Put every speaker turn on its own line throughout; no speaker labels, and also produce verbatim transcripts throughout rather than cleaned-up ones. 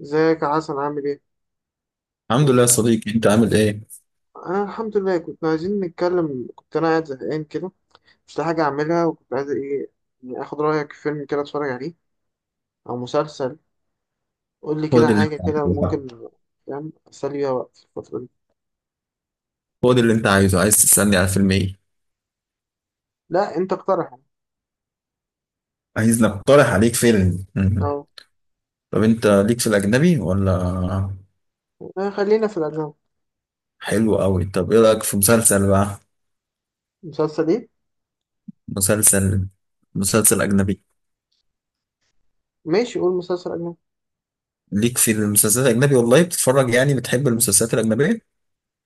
ازيك يا حسن، عامل ايه؟
الحمد
كنت
لله يا صديقي، انت عامل ايه؟
انا الحمد لله، كنت عايزين نتكلم. كنت انا قاعد زهقان كده، مش لاقي حاجه اعملها، وكنت عايز ايه يعني، اخد رايك في فيلم كده اتفرج عليه او مسلسل. قول لي
هو
كده
ده اللي
حاجه
انت
كده
عايزه؟
ممكن، فاهم، اسلي بيها وقت في الفتره دي.
هو ده اللي انت عايزه، عايز تسألني على فيلم ايه؟
لا انت اقترح يعني.
عايز نقترح عليك فيلم. مم.
اه.
طب انت ليك في الأجنبي ولا؟
آه، خلينا في الاجنبي.
حلو قوي. طب ايه رأيك في مسلسل بقى؟
مسلسل ايه؟
مسلسل مسلسل أجنبي.
ماشي، قول مسلسل اجنبي.
ليك في المسلسلات الأجنبي والله؟ بتتفرج يعني، بتحب المسلسلات الأجنبية؟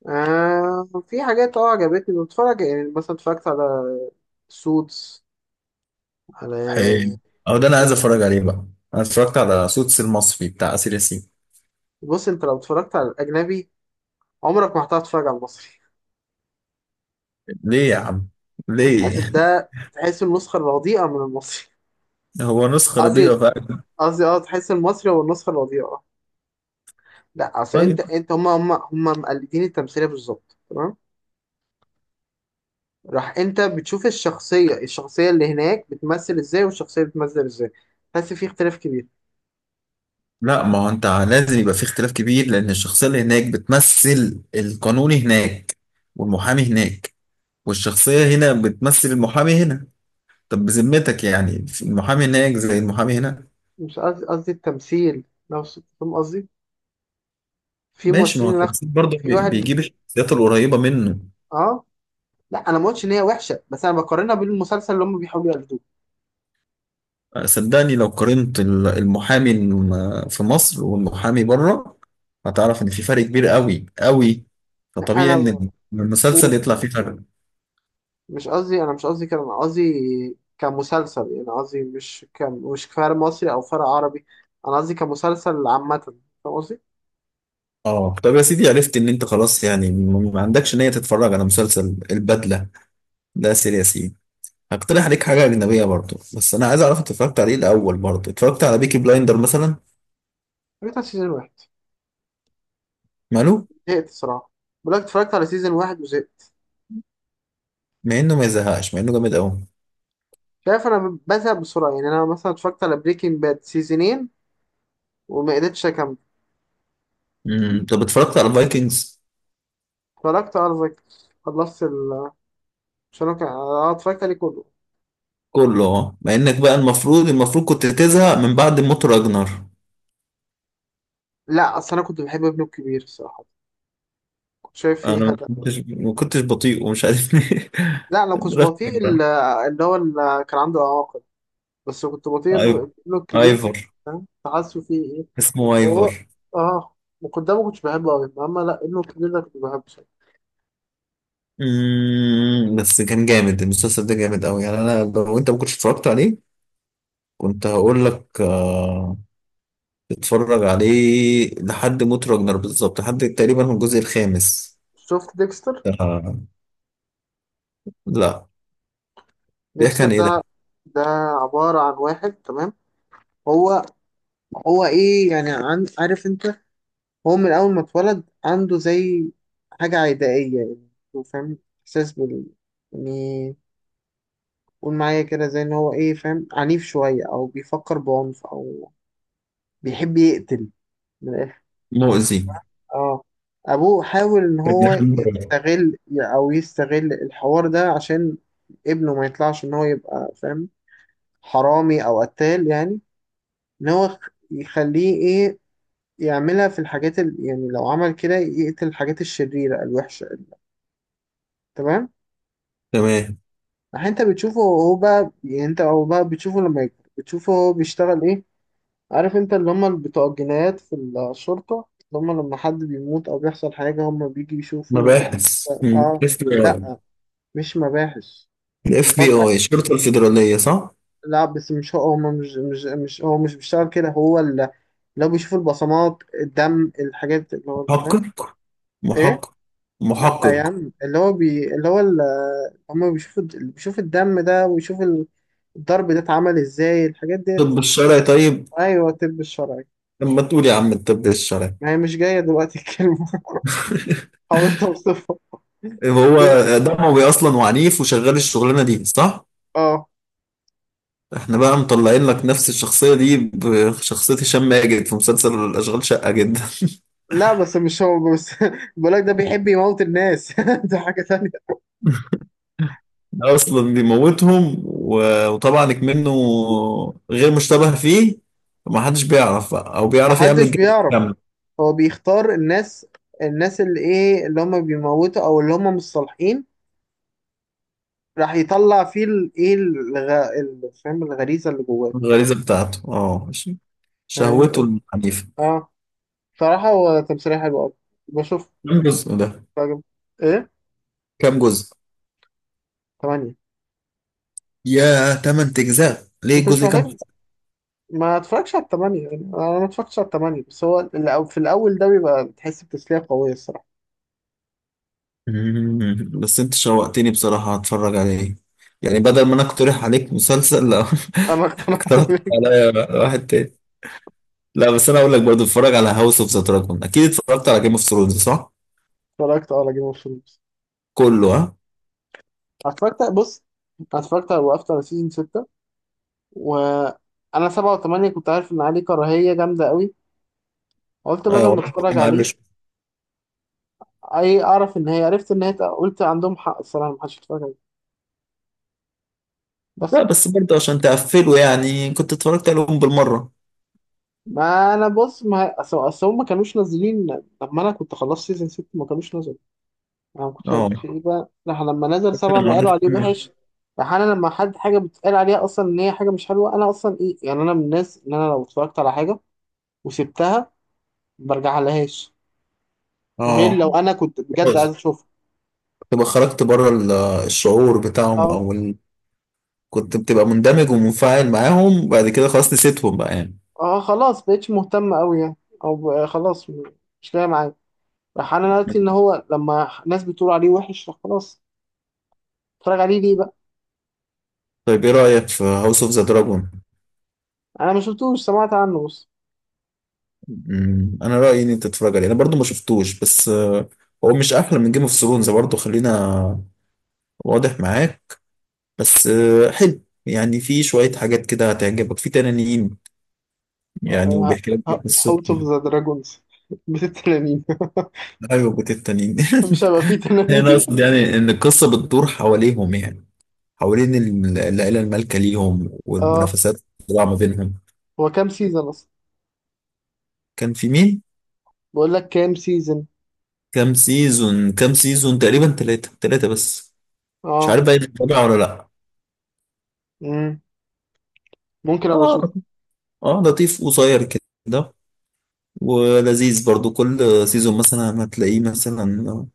آه، في حاجات اه عجبتني بتفرج يعني، مثلا اتفرجت على سوتس،
حلو،
على
أو ده أنا عايز أتفرج
بيك-
عليه بقى. أنا اتفرجت على سوتس المصري بتاع آسر ياسين.
بص، انت لو اتفرجت على الاجنبي عمرك ما هتعرف تتفرج على المصري.
ليه يا عم؟
عشان
ليه؟
ده تحس النسخة الرديئة من المصري.
هو نسخة رديئة
قصدي
بقى؟
قصدي اه تحس المصري هو النسخة الرديئة. لا اصل انت
طيب.
انت هم هم هم مقلدين التمثيلية بالظبط تمام. راح انت بتشوف الشخصية، الشخصية اللي هناك بتمثل ازاي والشخصية بتمثل ازاي، بس في اختلاف كبير.
لا، ما هو انت لازم يبقى في اختلاف كبير، لان الشخصيه اللي هناك بتمثل القانون هناك، والمحامي هناك، والشخصيه هنا بتمثل المحامي هنا. طب بذمتك، يعني المحامي هناك زي المحامي هنا؟
مش قصدي، قصدي التمثيل نفسه، فاهم قصدي؟ في
ماشي، ما هو
ممثلين، لا،
التمثيل برضه
في
بي-
واحد.
بيجيب الشخصيات القريبه منه.
اه لا، انا ما قلتش ان هي وحشة، بس انا بقارنها بالمسلسل اللي هم بيحاولوا يقلدوه.
صدقني لو قارنت ال- المحامي الم- في مصر والمحامي بره، هتعرف ان في فرق كبير قوي قوي،
لا
فطبيعي
انا
ان المسلسل يطلع فيه فرق.
مش قصدي، انا مش قصدي كده، انا قصدي كمسلسل يعني، قصدي مش ك مش فرق مصري او فرق عربي، انا قصدي كمسلسل عامة. فاهم قصدي؟
اه، طب يا سيدي، عرفت ان انت خلاص يعني م- ما عندكش نية تتفرج على مسلسل البدلة. ده سيرياسي. هقترح عليك حاجة أجنبية برضه، بس أنا عايز أعرف أنت اتفرجت عليه الأول برضه، اتفرجت على بيكي بلايندر مثلا؟
اتفرجت على سيزون واحد.
ماله؟
زهقت الصراحة. بقول لك اتفرجت على سيزون واحد وزهقت.
مع إنه ما يزهقش، مع إنه جامد أوي.
شايف، انا بزهق بسرعة يعني، انا مثلا اتفرجت على بريكنج باد سيزونين وما قدرتش اكمل.
امم طب اتفرجت على الفايكنجز؟
اتفرجت على فايكنجز، خلصت ال مش انا كان- اه اتفرجت عليه كله.
كله، اه. مع إنك بقى المفروض، المفروض كنت تزهق من بعد موت راجنر.
لا اصل انا كنت بحب ابنه الكبير الصراحة، كنت شايف فيه
أنا
هدف.
ما كنتش، ما كنتش بطيء ومش عارف ليه.
لا انا كنت بطيء،
ايفر.
ال- اللي هو اللي كان عنده اعاقة، بس كنت بطيء ابنه، ابنه الكبير،
ايفر.
فاهم، حاسه فيه ايه.
اسمه
هو،
ايفر.
اه وقدامه ما كنتش بحبه قوي، اما لا، ابنه الكبير ده كنت بحبه صراحة.
مم، بس كان جامد المسلسل ده، جامد قوي يعني. انا لو انت ما كنتش اتفرجت عليه، كنت هقول لك آه، اتفرج عليه لحد موت راجنر بالظبط، لحد تقريبا من الجزء الخامس.
شفت ديكستر؟
آه، لا. بيحكي
ديكستر
عن ايه ده؟
ده، ده عبارة عن واحد، تمام؟ هو هو ايه يعني، عن، عارف انت، هو من اول ما اتولد عنده زي حاجة عدائية يعني. هو فاهم احساس بال يعني قول معايا كده زي ان هو ايه، فاهم، عنيف شوية او بيفكر بعنف او بيحب يقتل من الآخر.
مؤذي.
اه. ابوه حاول ان هو يستغل او يستغل الحوار ده عشان ابنه ما يطلعش ان هو يبقى فاهم، حرامي او قتال يعني. ان هو خ- يخليه ايه، يعملها في الحاجات ال... يعني لو عمل كده يقتل الحاجات الشريرة الوحشة، تمام.
تمام.
راح انت بتشوفه هو بقى يعني، انت او بقى بتشوفه لما يكبر، بتشوفه هو بيشتغل ايه، عارف انت اللي هم بتوع الجنايات في الشرطة، اللي هم لما حد بيموت او بيحصل حاجة هم بيجي يشوفوا.
مباحث.
اه.
اف بي اي.
مش مباحث. اللي
الاف بي
هم
اي، الشرطة الفيدرالية، صح؟
لا، بس مش هو، هم مش مش مش هو مش بيشتغل كده، هو اللي لو بيشوف البصمات، الدم، الحاجات، اللي هو، فاهم؟
محقق.
ايه.
محقق.
لا يا
محقق.
عم، اللي هو بي اللي هو اللي هم بيشوفوا، اللي بيشوف الدم ده ويشوف ال- الضرب ده اتعمل ازاي، الحاجات ديت.
طب الشرعي طيب.
ايوه، الطب الشرعي.
لما تقول يا عم الطب الشرعي.
ما هي مش جايه دلوقتي الكلمه. حاولت اوصفها.
هو دموي اصلا وعنيف، وشغال الشغلانه دي، صح؟
اه.
احنا بقى مطلعين لك نفس الشخصيه دي بشخصيه هشام ماجد في مسلسل اشغال شقه جدا.
لا، بس مش هو بس. بقولك ده بيحب يموت الناس. ده حاجه تانية.
ده اصلا بيموتهم و- وطبعا منه، غير مشتبه فيه، ما حدش بيعرف بقى، او بيعرف يعمل
محدش
الجو
بيعرف.
كامله.
هو بيختار الناس، الناس اللي ايه، اللي هم بيموتوا او اللي هم مش صالحين. راح يطلع فيه الايه، الغ... ال- فاهم، الغريزه اللي جواه.
الغريزه بتاعته، اه ماشي.
فهمت.
شهوته العنيفه.
اه. صراحه هو تمثيليه حلو قوي، بشوف،
كم جزء ده؟
راجل، ايه،
كم جزء؟
تمانية.
يا تمن اجزاء، ليه
انت مش
الجزء
محتاج
كام؟
ما اتفرجش على التمانية يعني، انا ما اتفرجتش على التمانية، بس هو الأو- في الاول ده بيبقى بتحس بتسلية قوية الصراحة.
مم. بس انت شوقتني بصراحة، هتفرج عليه يعني بدل ما انا اقترح عليك مسلسل، لا.
انا اقتنعت
اقترحت
بيه.
عليا واحد تاني. لا بس انا اقول لك برضو، اتفرج على هاوس اوف ذا دراجون. اكيد اتفرجت على جيم اوف ثرونز، صح؟
اتفرجت اه على جيم اوف ثرونز.
كله، ها؟
اتفرجت، بص، أنا اتفرجت على وقفت على سيزون ستة، وانا سبعة وثمانية كنت عارف ان عليه كراهية جامدة قوي، قلت بدل ما
ايوه.
اتفرج
ما
عليه.
قالوش.
اي، اعرف ان هي، عرفت ان هي، قلت عندهم حق الصراحة، ما حدش يتفرج عليه. بس.
لا بس برضو عشان تقفله يعني، كنت اتفرجت عليهم بالمرة.
ما انا بص، ما اصل، أصل هم ما كانوش نازلين. لما انا كنت خلصت سيزون ستة ما كانوش نزلوا. انا ما كنتش
اه،
عارف في ايه بقى، راح لما نزل سبعة
أنا
ما قالوا
عارف.
عليه وحش. راح انا، لما حد حاجة بتقال عليها اصلا ان هي حاجة مش حلوة، انا اصلا ايه يعني، انا من الناس ان انا لو اتفرجت على حاجة وسبتها ما برجع لهاش، غير
اه
لو انا كنت بجد عايز
خلاص.
اشوفها.
تبقى خرجت بره ال- الشعور بتاعهم او ال... كنت بتبقى مندمج ومنفعل معاهم، بعد كده خلاص نسيتهم بقى يعني.
اه، خلاص بقتش مهتمة أوي يعني، أو بقى خلاص م- مش لاقي معايا. راح أنا دلوقتي إن هو لما ناس بتقول عليه وحش، راح خلاص، اتفرج عليه ليه بقى.
طيب ايه رأيك في هاوس اوف ذا دراجون؟
أنا ما شفتوش، سمعت عنه بس.
انا رأيي ان انت تتفرج عليه، انا برضو ما شفتوش بس آه، هو مش احلى من جيم اوف ثرونز برضو، خلينا واضح معاك. بس آه، حلو يعني، في شوية حاجات كده هتعجبك، في تنانين يعني، وبيحكي لك قصة.
هاوس اوف ذا دراجونز. بيت التنانين.
ايوه، بيت التنانين.
مش هيبقى فيه
انا
تنانين.
اقصد يعني ان القصة بتدور حواليهم يعني، حوالين ال- العيلة المالكة ليهم
اه.
والمنافسات اللي ما بينهم.
هو كام سيزون أصلا؟
كان في مين؟
بقول لك، كام سيزون؟
كام سيزون؟ كام سيزون تقريبا؟ ثلاثة، ثلاثة بس. مش
اه.
عارف بقى تتابع ولا لا.
مم. ممكن أبقى أشوف.
اه. اه، لطيف وصغير كده، ولذيذ برضو. كل سيزون مثلا هتلاقيه مثلا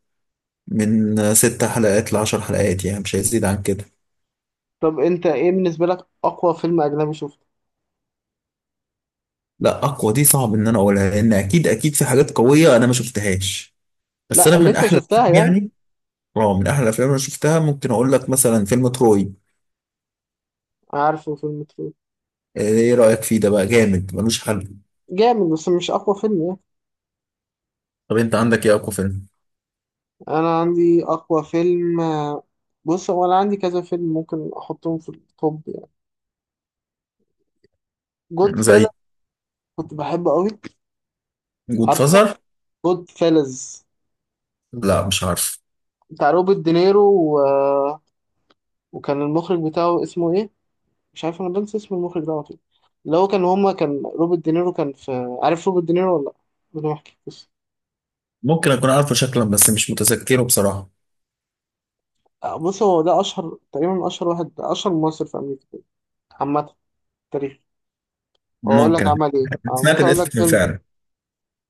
من ست حلقات لعشر حلقات، يعني مش هيزيد عن كده.
طب أنت إيه بالنسبة لك أقوى فيلم أجنبي شفته؟
لا، اقوى دي صعب ان انا اقولها، لان اكيد اكيد في حاجات قويه انا ما شفتهاش، بس
لا،
انا
اللي
من
أنت
احلى الافلام
شفتها يعني.
يعني. اه، من احلى الافلام اللي انا شفتها، ممكن اقول لك مثلا فيلم تروي.
عارفه فيلم ترو.
آه، ايه رايك فيه؟ ده بقى جامد ملوش حل.
جامد بس مش أقوى فيلم يعني.
طب انت عندك ايه اقوى فيلم؟
انا عندي اقوى فيلم، بص، هو انا عندي كذا فيلم ممكن احطهم في التوب يعني. جود
يعني
فيلز،
زي
كنت بحبه قوي.
جود
عارفه
فازر؟
جود فيلز؟
لا مش عارف.
بتاع روبرت دينيرو و... وكان المخرج بتاعه اسمه ايه، مش عارف، انا بنسى اسم المخرج ده على طول. اللي هو كان، هما كان روبرت دينيرو كان في، عارف روبرت دينيرو ولا لا؟ بدون ما احكي، بص،
ممكن اكون عارفه شكلا بس مش متذكره بصراحه.
بص هو ده اشهر تقريبا، اشهر واحد، اشهر ممثل في امريكا عامه في التاريخ. هو اقول لك
ممكن.
عمل ايه، آه،
سمعت
ممكن اقول لك
الاسم
فيلم،
فعلا.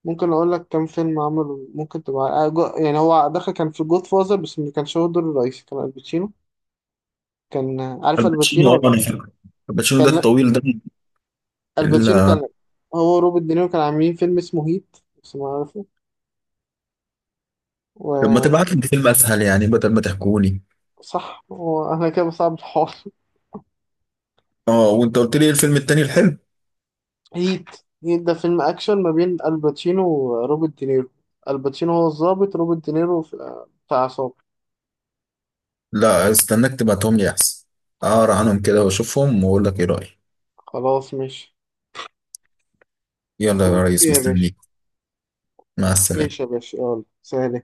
ممكن اقول لك كام فيلم عمله ممكن تبقى، آه، جو- يعني هو دخل كان في جود فازر بس ما كانش هو الدور الرئيسي، كان الباتشينو. كان، آه، عارف الباتشينو
الباتشينو، اه
ولا
انا
لا؟
فاكره. الباتشينو ده
كان
الطويل ده.
الباتشينو
ال-.
كان هو روبرت دينيرو كان عاملين فيلم اسمه هيت، بس ما عارفه.
طب ما تبعت لي فيلم اسهل، يعني بدل ما تحكوني.
وصح، هو انا كده بصعب الحوار.
اه، وانت قلت لي إيه الفيلم التاني الحلو؟
هيت، هيت ده فيلم اكشن ما بين الباتشينو وروبرت دينيرو. الباتشينو هو الضابط، روبرت دينيرو في- بتاع عصابة.
لا استناك تبعتهم لي احسن، اقرا عنهم كده واشوفهم واقول لك ايه رايي.
خلاص ماشي.
يلا يا
اوكي
ريس
يا باشا.
مستنيك. مع السلامه.
ماشي يا باشا، يلا سلام.